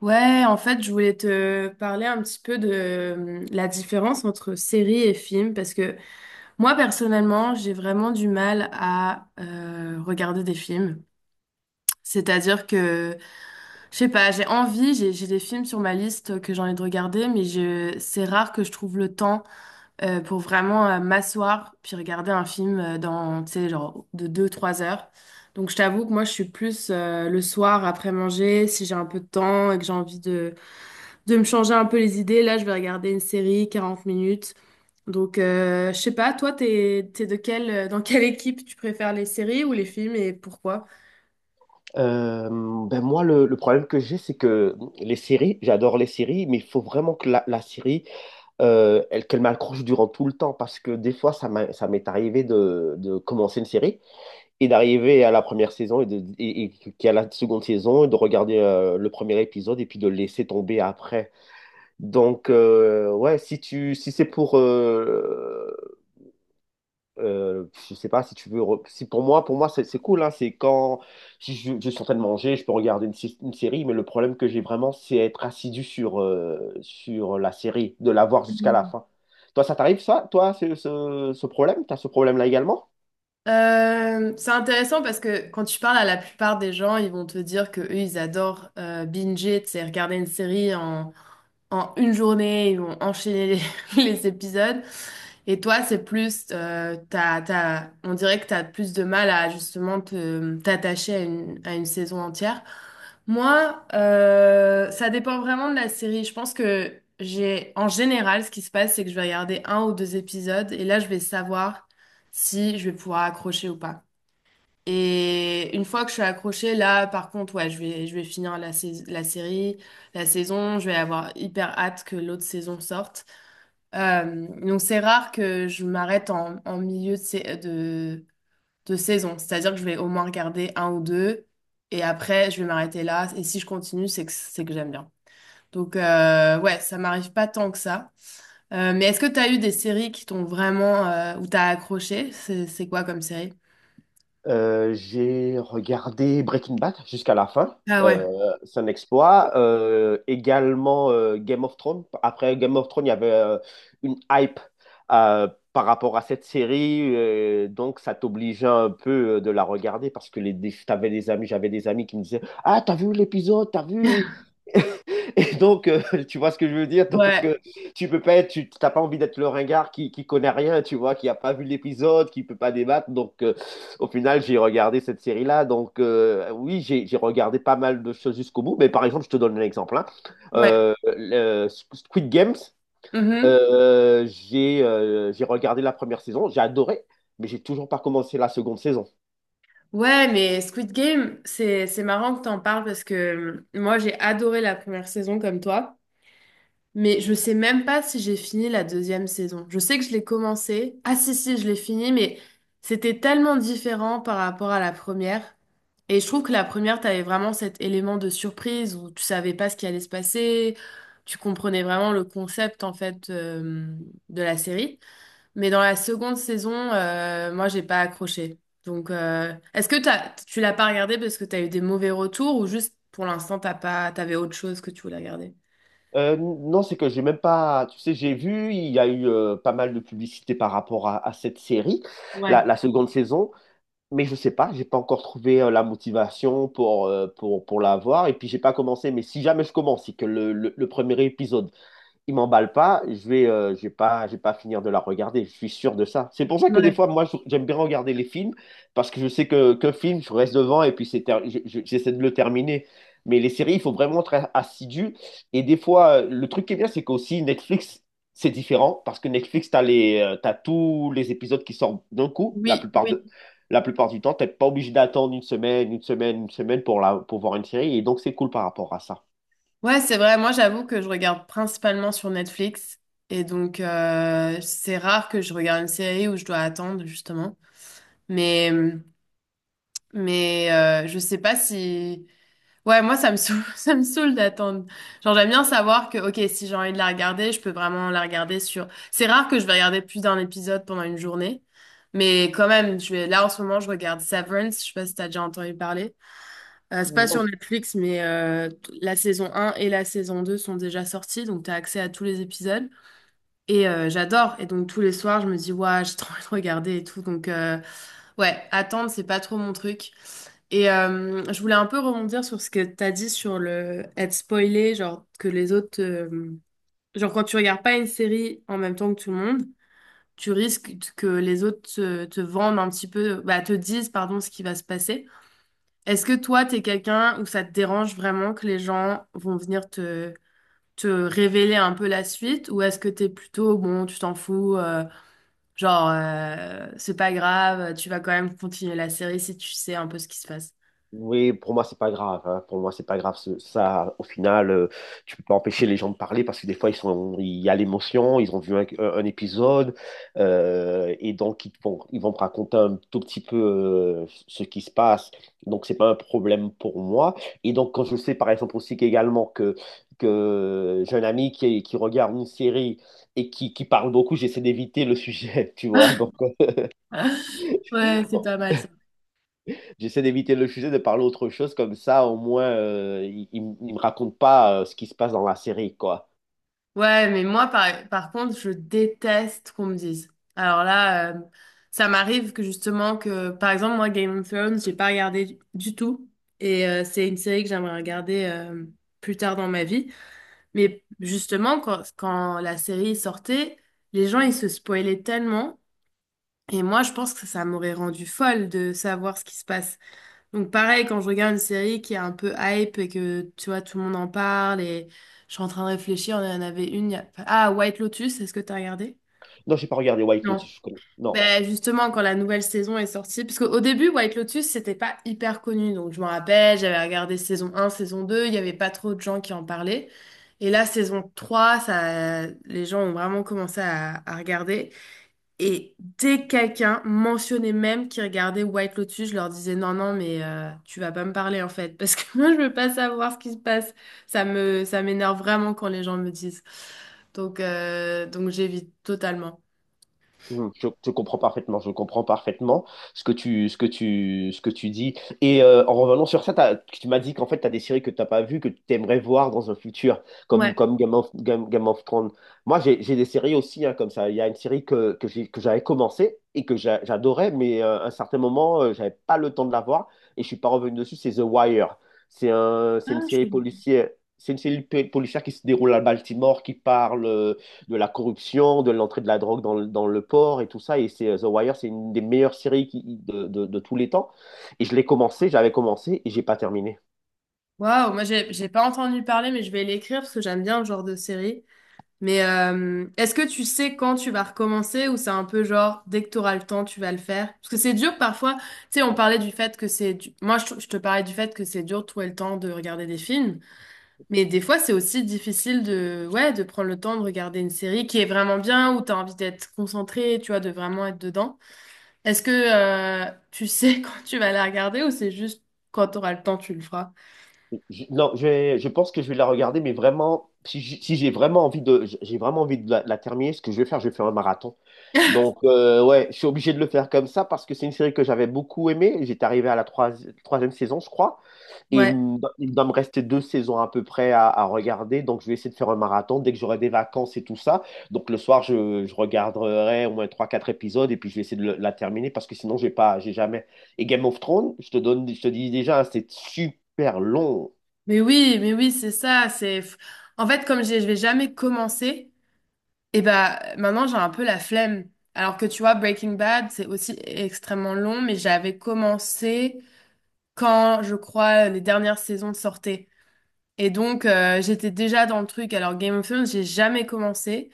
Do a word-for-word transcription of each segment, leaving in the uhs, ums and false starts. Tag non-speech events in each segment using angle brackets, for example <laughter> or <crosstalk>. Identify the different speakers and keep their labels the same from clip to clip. Speaker 1: Ouais, en fait, je voulais te parler un petit peu de euh, la différence entre série et film, parce que moi, personnellement, j'ai vraiment du mal à euh, regarder des films. C'est-à-dire que, je sais pas, j'ai envie, j'ai j'ai des films sur ma liste que j'ai envie de regarder, mais je, c'est rare que je trouve le temps euh, pour vraiment euh, m'asseoir puis regarder un film euh, dans, tu sais, genre de deux trois heures. Donc, je t'avoue que moi, je suis plus euh, le soir après manger, si j'ai un peu de temps et que j'ai envie de de me changer un peu les idées. Là, je vais regarder une série, quarante minutes. Donc, euh, je sais pas, toi, t'es, t'es de quelle, euh, dans quelle équipe tu préfères les séries ou les films et pourquoi?
Speaker 2: Euh, ben moi, le, le problème que j'ai, c'est que les séries, j'adore les séries, mais il faut vraiment que la, la série, euh, elle, qu'elle m'accroche durant tout le temps, parce que des fois, ça m'a- ça m'est arrivé de, de commencer une série et d'arriver à la première saison et, de, et, et qu'il y a la seconde saison et de regarder euh, le premier épisode et puis de le laisser tomber après. Donc, euh, ouais, si tu, si c'est pour euh, euh, je sais pas si tu veux. re- Si pour moi, pour moi, c'est c'est cool, hein. c'est quand Si je, je suis en train de manger, je peux regarder une, sé- une série. Mais le problème que j'ai vraiment, c'est être assidu sur euh, sur la série, de la voir jusqu'à la fin. Toi, ça t'arrive ça? Toi, c'est ce, ce problème? T'as ce problème-là également?
Speaker 1: Euh, c'est intéressant parce que quand tu parles à la plupart des gens, ils vont te dire que eux, ils adorent euh, binger, c'est regarder une série en, en une journée, ils vont enchaîner les, <laughs> les épisodes. Et toi, c'est plus, euh, t'as, t'as- on dirait que t'as plus de mal à justement te, t'attacher à une, à une saison entière. Moi, euh, ça dépend vraiment de la série. Je pense que j'ai, en général, ce qui se passe, c'est que je vais regarder un ou deux épisodes et là, je vais savoir si je vais pouvoir accrocher ou pas. Et une fois que je suis accrochée, là, par contre, ouais, je vais, je vais finir la, sais- la série, la saison. Je vais avoir hyper hâte que l'autre saison sorte. Euh, donc, c'est rare que je m'arrête en, en milieu de, sais- de, de saison. C'est-à-dire que je vais au moins regarder un ou deux. Et après, je vais m'arrêter là. Et si je continue, c'est que, c'est que j'aime bien. Donc, euh, ouais, ça m'arrive pas tant que ça. Euh, mais est-ce que tu as eu des séries qui t'ont vraiment... euh, où t'as accroché? C'est c'est quoi comme série?
Speaker 2: Euh, j'ai regardé Breaking Bad jusqu'à la fin.
Speaker 1: Ah ouais,
Speaker 2: Euh, c'est un exploit. Euh, également euh, Game of Thrones. Après Game of Thrones, il y avait euh, une hype euh, par rapport à cette série. Euh, donc, ça t'obligeait un peu euh, de la regarder parce que les, des- t'avais des amis, j'avais des amis qui me disaient, "Ah, t'as vu l'épisode, t'as vu." Et donc, euh, <laughs> tu vois ce que je veux dire? Donc, euh,
Speaker 1: ouais,
Speaker 2: tu peux pas être, tu t'as pas envie d'être le ringard qui, qui connaît rien, tu vois, qui a pas vu l'épisode, qui peut pas débattre. Donc, euh, au final, j'ai regardé cette série-là. Donc, euh, oui, j'ai j'ai regardé pas mal de choses jusqu'au bout. Mais par exemple, je te donne un exemple, hein.
Speaker 1: ouais.
Speaker 2: Euh, le Squid Games,
Speaker 1: Mhm.
Speaker 2: euh, j'ai euh, j'ai regardé la première saison, j'ai adoré, mais j'ai toujours pas commencé la seconde saison.
Speaker 1: Ouais, mais Squid Game, c'est c'est marrant que t'en parles parce que euh, moi j'ai adoré la première saison comme toi, mais je sais même pas si j'ai fini la deuxième saison. Je sais que je l'ai commencé. Ah si si, je l'ai fini, mais c'était tellement différent par rapport à la première. Et je trouve que la première, t'avais vraiment cet élément de surprise où tu savais pas ce qui allait se passer, tu comprenais vraiment le concept en fait euh, de la série. Mais dans la seconde saison, euh, moi, j'ai pas accroché. Donc, euh, est-ce que t'as, tu l'as pas regardé parce que t'as eu des mauvais retours ou juste pour l'instant, t'as pas, t'avais autre chose que tu voulais regarder?
Speaker 2: Euh, non, c'est que j'ai même pas. Tu sais, j'ai vu, il y a eu euh, pas mal de publicité par rapport à, à cette série, la,
Speaker 1: Ouais,
Speaker 2: la seconde saison, mais je sais pas, j'ai pas encore trouvé euh, la motivation pour, euh, pour, pour la voir, et puis j'ai pas commencé. Mais si jamais je commence, c'est que le, le, le premier épisode, il m'emballe pas, je vais, euh, je vais pas, je vais pas finir de la regarder. Je suis sûr de ça. C'est pour ça que des
Speaker 1: ouais.
Speaker 2: fois, moi, je- j'aime bien regarder les films parce que je sais que qu'un film, je reste devant et puis c'est ter- je- je- j'essaie de le terminer. Mais les séries, il faut vraiment être assidu. Et des fois, euh, le truc qui est bien, c'est qu'aussi Netflix, c'est différent parce que Netflix, t'as les, euh, t'as tous les épisodes qui sortent d'un coup. La
Speaker 1: Oui,
Speaker 2: plupart
Speaker 1: oui.
Speaker 2: de, la plupart du temps, t'es pas obligé d'attendre une semaine, une semaine, une semaine pour la, pour voir une série. Et donc, c'est cool par rapport à ça.
Speaker 1: Ouais, c'est vrai. Moi, j'avoue que je regarde principalement sur Netflix. Et donc, euh, c'est rare que je regarde une série où je dois attendre, justement. Mais. hum, Mais euh, je sais pas si... Ouais, moi, ça me saoule, <laughs> ça me saoule d'attendre. Genre, j'aime bien savoir que, ok, si j'ai envie de la regarder, je peux vraiment la regarder sur... C'est rare que je vais regarder plus d'un épisode pendant une journée. Mais quand même, je vais... là, en ce moment, je regarde Severance. Je sais pas si t'as déjà entendu parler. Euh, c'est pas
Speaker 2: Non.
Speaker 1: sur Netflix, mais euh, la saison un et la saison deux sont déjà sorties. Donc, t'as accès à tous les épisodes. Et euh, j'adore. Et donc, tous les soirs, je me dis, ouais, j'ai trop envie de regarder et tout. Donc, euh, ouais, attendre, c'est pas trop mon truc. Et euh, je voulais un peu rebondir sur ce que tu as dit sur le être spoilé, genre que les autres... euh, genre quand tu regardes pas une série en même temps que tout le monde, tu risques t- que les autres te, te, vendent un petit peu, bah, te disent, pardon, ce qui va se passer. Est-ce que toi, t'es quelqu'un où ça te dérange vraiment que les gens vont venir te, te révéler un peu la suite, ou est-ce que t'es plutôt, bon, tu t'en fous, euh, genre, euh, c'est pas grave, tu vas quand même continuer la série si tu sais un peu ce qui se passe?
Speaker 2: Oui, pour moi, c'est pas grave, hein. Pour moi, c'est pas grave. Ce- Ça, au final, euh, tu peux pas empêcher les gens de parler parce que des fois, ils sont, il y a l'émotion, ils ont vu un, un épisode euh, et donc ils vont, ils vont me raconter un tout petit peu euh, ce qui se passe. Donc, c'est pas un problème pour moi. Et donc, quand je sais, par exemple, aussi qu'également que, que j'ai un ami qui, qui regarde une série et qui, qui parle beaucoup, j'essaie d'éviter le sujet, <laughs> tu vois. Donc,
Speaker 1: <laughs> Ouais, c'est pas mal ça.
Speaker 2: j'essaie d'éviter le sujet, de parler autre chose, comme ça au moins euh, il, il m- il me raconte pas euh, ce qui se passe dans la série, quoi.
Speaker 1: Ouais, mais moi, par, par contre, je déteste qu'on me dise. Alors là, euh, ça m'arrive que justement, que par exemple, moi, Game of Thrones, j'ai pas regardé du du tout. Et euh, c'est une série que j'aimerais regarder euh, plus tard dans ma vie. Mais justement, quand, quand la série sortait, les gens, ils se spoilaient tellement. Et moi, je pense que ça m'aurait rendu folle de savoir ce qui se passe. Donc pareil, quand je regarde une série qui est un peu hype et que tu vois, tout le monde en parle et je suis en train de réfléchir, on en avait une. Il y a- enfin, ah, White Lotus, est-ce que t'as regardé?
Speaker 2: Non, j'ai pas regardé White
Speaker 1: Non.
Speaker 2: Lotus. Je connais. Non.
Speaker 1: Ben justement, quand la nouvelle saison est sortie, parce qu'au début, White Lotus, c'était pas hyper connu. Donc je m'en rappelle, j'avais regardé saison un, saison deux, il n'y avait pas trop de gens qui en parlaient. Et là, saison trois ça, les gens ont vraiment commencé à, à regarder. Et dès que quelqu'un mentionnait même qui regardait White Lotus, je leur disais non, non, mais euh, tu vas pas me parler en fait, parce que <laughs> moi je veux pas savoir ce qui se passe. Ça me, ça m'énerve vraiment quand les gens me disent. Donc, euh, donc j'évite totalement.
Speaker 2: Mhm. Je, je comprends parfaitement, je comprends parfaitement ce que tu, ce que tu, ce que tu dis. Et euh, en revenant sur ça, t'as- tu m'as dit qu'en fait, tu as des séries que tu n'as pas vues, que tu aimerais voir dans un futur, comme,
Speaker 1: Ouais.
Speaker 2: comme Game of, Game, Game of Thrones. Moi, j'ai j'ai des séries aussi, hein, comme ça. Il y a une série que, que j'ai- que j'avais commencé et que j'a- j'adorais, mais euh, à un certain moment, euh, j'avais pas le temps de la voir et je suis pas revenu dessus, c'est The Wire. C'est un, c'est une
Speaker 1: Ah, je
Speaker 2: série
Speaker 1: connais.
Speaker 2: policière. C'est une série policière qui se déroule à Baltimore, qui parle, euh, de la corruption, de l'entrée de la drogue dans le, dans le port et tout ça. Et c'est euh, The Wire, c'est une des meilleures séries qui- de, de- de tous les temps. Et je l'ai commencé, j'avais commencé et j'ai pas terminé.
Speaker 1: Waouh, moi j'ai j'ai pas entendu parler, mais je vais l'écrire parce que j'aime bien le genre de série. Mais euh, est-ce que tu sais quand tu vas recommencer ou c'est un peu genre dès que tu auras le temps, tu vas le faire? Parce que c'est dur parfois. Tu sais, on parlait du fait que c'est du- Moi, je, je te parlais du fait que c'est dur de trouver le temps de regarder des films. Mais des fois, c'est aussi difficile de... Ouais, de prendre le temps de regarder une série qui est vraiment bien, où tu as envie d'être concentré, tu vois, de vraiment être dedans. Est-ce que euh, tu sais <laughs> quand tu vas la regarder ou c'est juste quand tu auras le temps, tu le feras?
Speaker 2: Je- non, je, vais- je pense que je vais la regarder, mais vraiment, si, j- si j'ai vraiment envie de, j'ai vraiment envie de la, la terminer, ce que je vais faire, je vais faire un marathon.
Speaker 1: <laughs>
Speaker 2: Donc euh, ouais, je suis obligé de le faire comme ça parce que c'est une série que j'avais beaucoup aimée. J'étais arrivé à la troisi- troisième saison, je crois. Et il
Speaker 1: Ouais,
Speaker 2: me do- il doit me rester deux saisons à peu près à, à regarder. Donc, je vais essayer de faire un marathon dès que j'aurai des vacances et tout ça. Donc, le soir, je, je regarderai au moins trois quatre épisodes et puis je vais essayer de le- la terminer parce que sinon, j'ai pas, j'ai jamais. Et Game of Thrones, je te donne, je te dis déjà, hein, c'est super long.
Speaker 1: mais oui, mais oui, c'est ça, c'est en fait comme je dis, je vais jamais commencer, et bah maintenant j'ai un peu la flemme. Alors que tu vois, Breaking Bad, c'est aussi extrêmement long, mais j'avais commencé quand, je crois, les dernières saisons sortaient. Et donc euh, j'étais déjà dans le truc. Alors Game of Thrones, j'ai jamais commencé.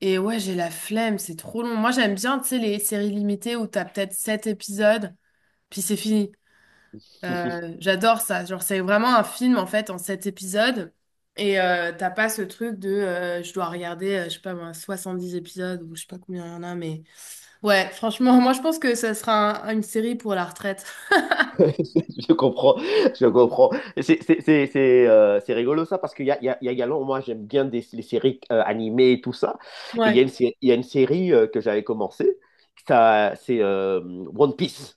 Speaker 1: Et ouais, j'ai la flemme, c'est trop long. Moi j'aime bien, tu sais, les séries limitées où t'as peut-être sept épisodes, puis c'est fini. Euh,
Speaker 2: <laughs>
Speaker 1: j'adore ça. Genre, c'est vraiment un film en fait en sept épisodes. Et euh, t'as pas ce truc de euh, je dois regarder, euh, je sais pas moi, soixante-dix épisodes ou je sais pas combien il y en a, mais ouais, franchement, <laughs> moi je pense que ça sera un- une série pour la retraite.
Speaker 2: Je comprends, je comprends. C'est c'est- c'est- c'est, euh, c'est rigolo ça parce qu'il y a, il y a, il y a également, moi j'aime bien des, les séries euh, animées et tout ça. Et il y a
Speaker 1: Ouais.
Speaker 2: une, sé- il y a une série euh, que j'avais commencé, ça, c'est euh, One Piece.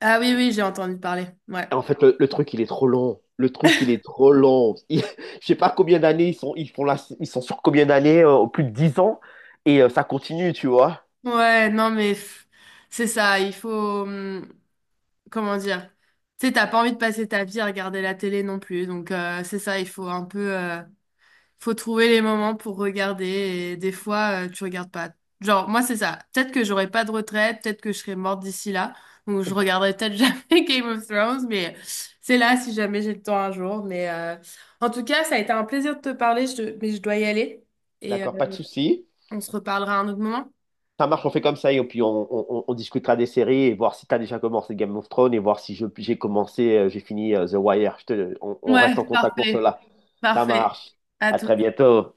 Speaker 1: Ah oui, oui, j'ai entendu parler. Ouais.
Speaker 2: En fait, le, le truc, il est trop long. Le truc, il est trop long. Il- <laughs> je sais pas combien d'années ils sont, ils font là. Ils sont sur combien d'années, euh, plus de dix ans, et euh, ça continue, tu vois.
Speaker 1: Ouais, non, mais pff, c'est ça, il faut. hum, Comment dire? Tu sais, t'as pas envie de passer ta vie à regarder la télé non plus, donc euh, c'est ça, il faut un peu. Faut trouver les moments pour regarder et des fois, euh, tu regardes pas. Genre, moi, c'est ça. Peut-être que j'aurai pas de retraite, peut-être que je serai morte d'ici là, donc je regarderai peut-être <laughs> jamais Game of Thrones, mais c'est là si jamais j'ai le temps un jour. Mais euh, en tout cas, ça a été un plaisir de te parler, je- te- mais je dois y aller et euh,
Speaker 2: D'accord, pas de souci.
Speaker 1: on se reparlera à un autre moment.
Speaker 2: Ça marche, on fait comme ça, et puis on, on- on- on discutera des séries et voir si tu as déjà commencé Game of Thrones et voir si je- j'ai commencé, euh, j'ai fini euh, The Wire. Je te- on on
Speaker 1: Ouais,
Speaker 2: reste en contact pour
Speaker 1: parfait.
Speaker 2: cela. Ça
Speaker 1: Parfait.
Speaker 2: marche.
Speaker 1: À
Speaker 2: À
Speaker 1: tout.
Speaker 2: très bientôt.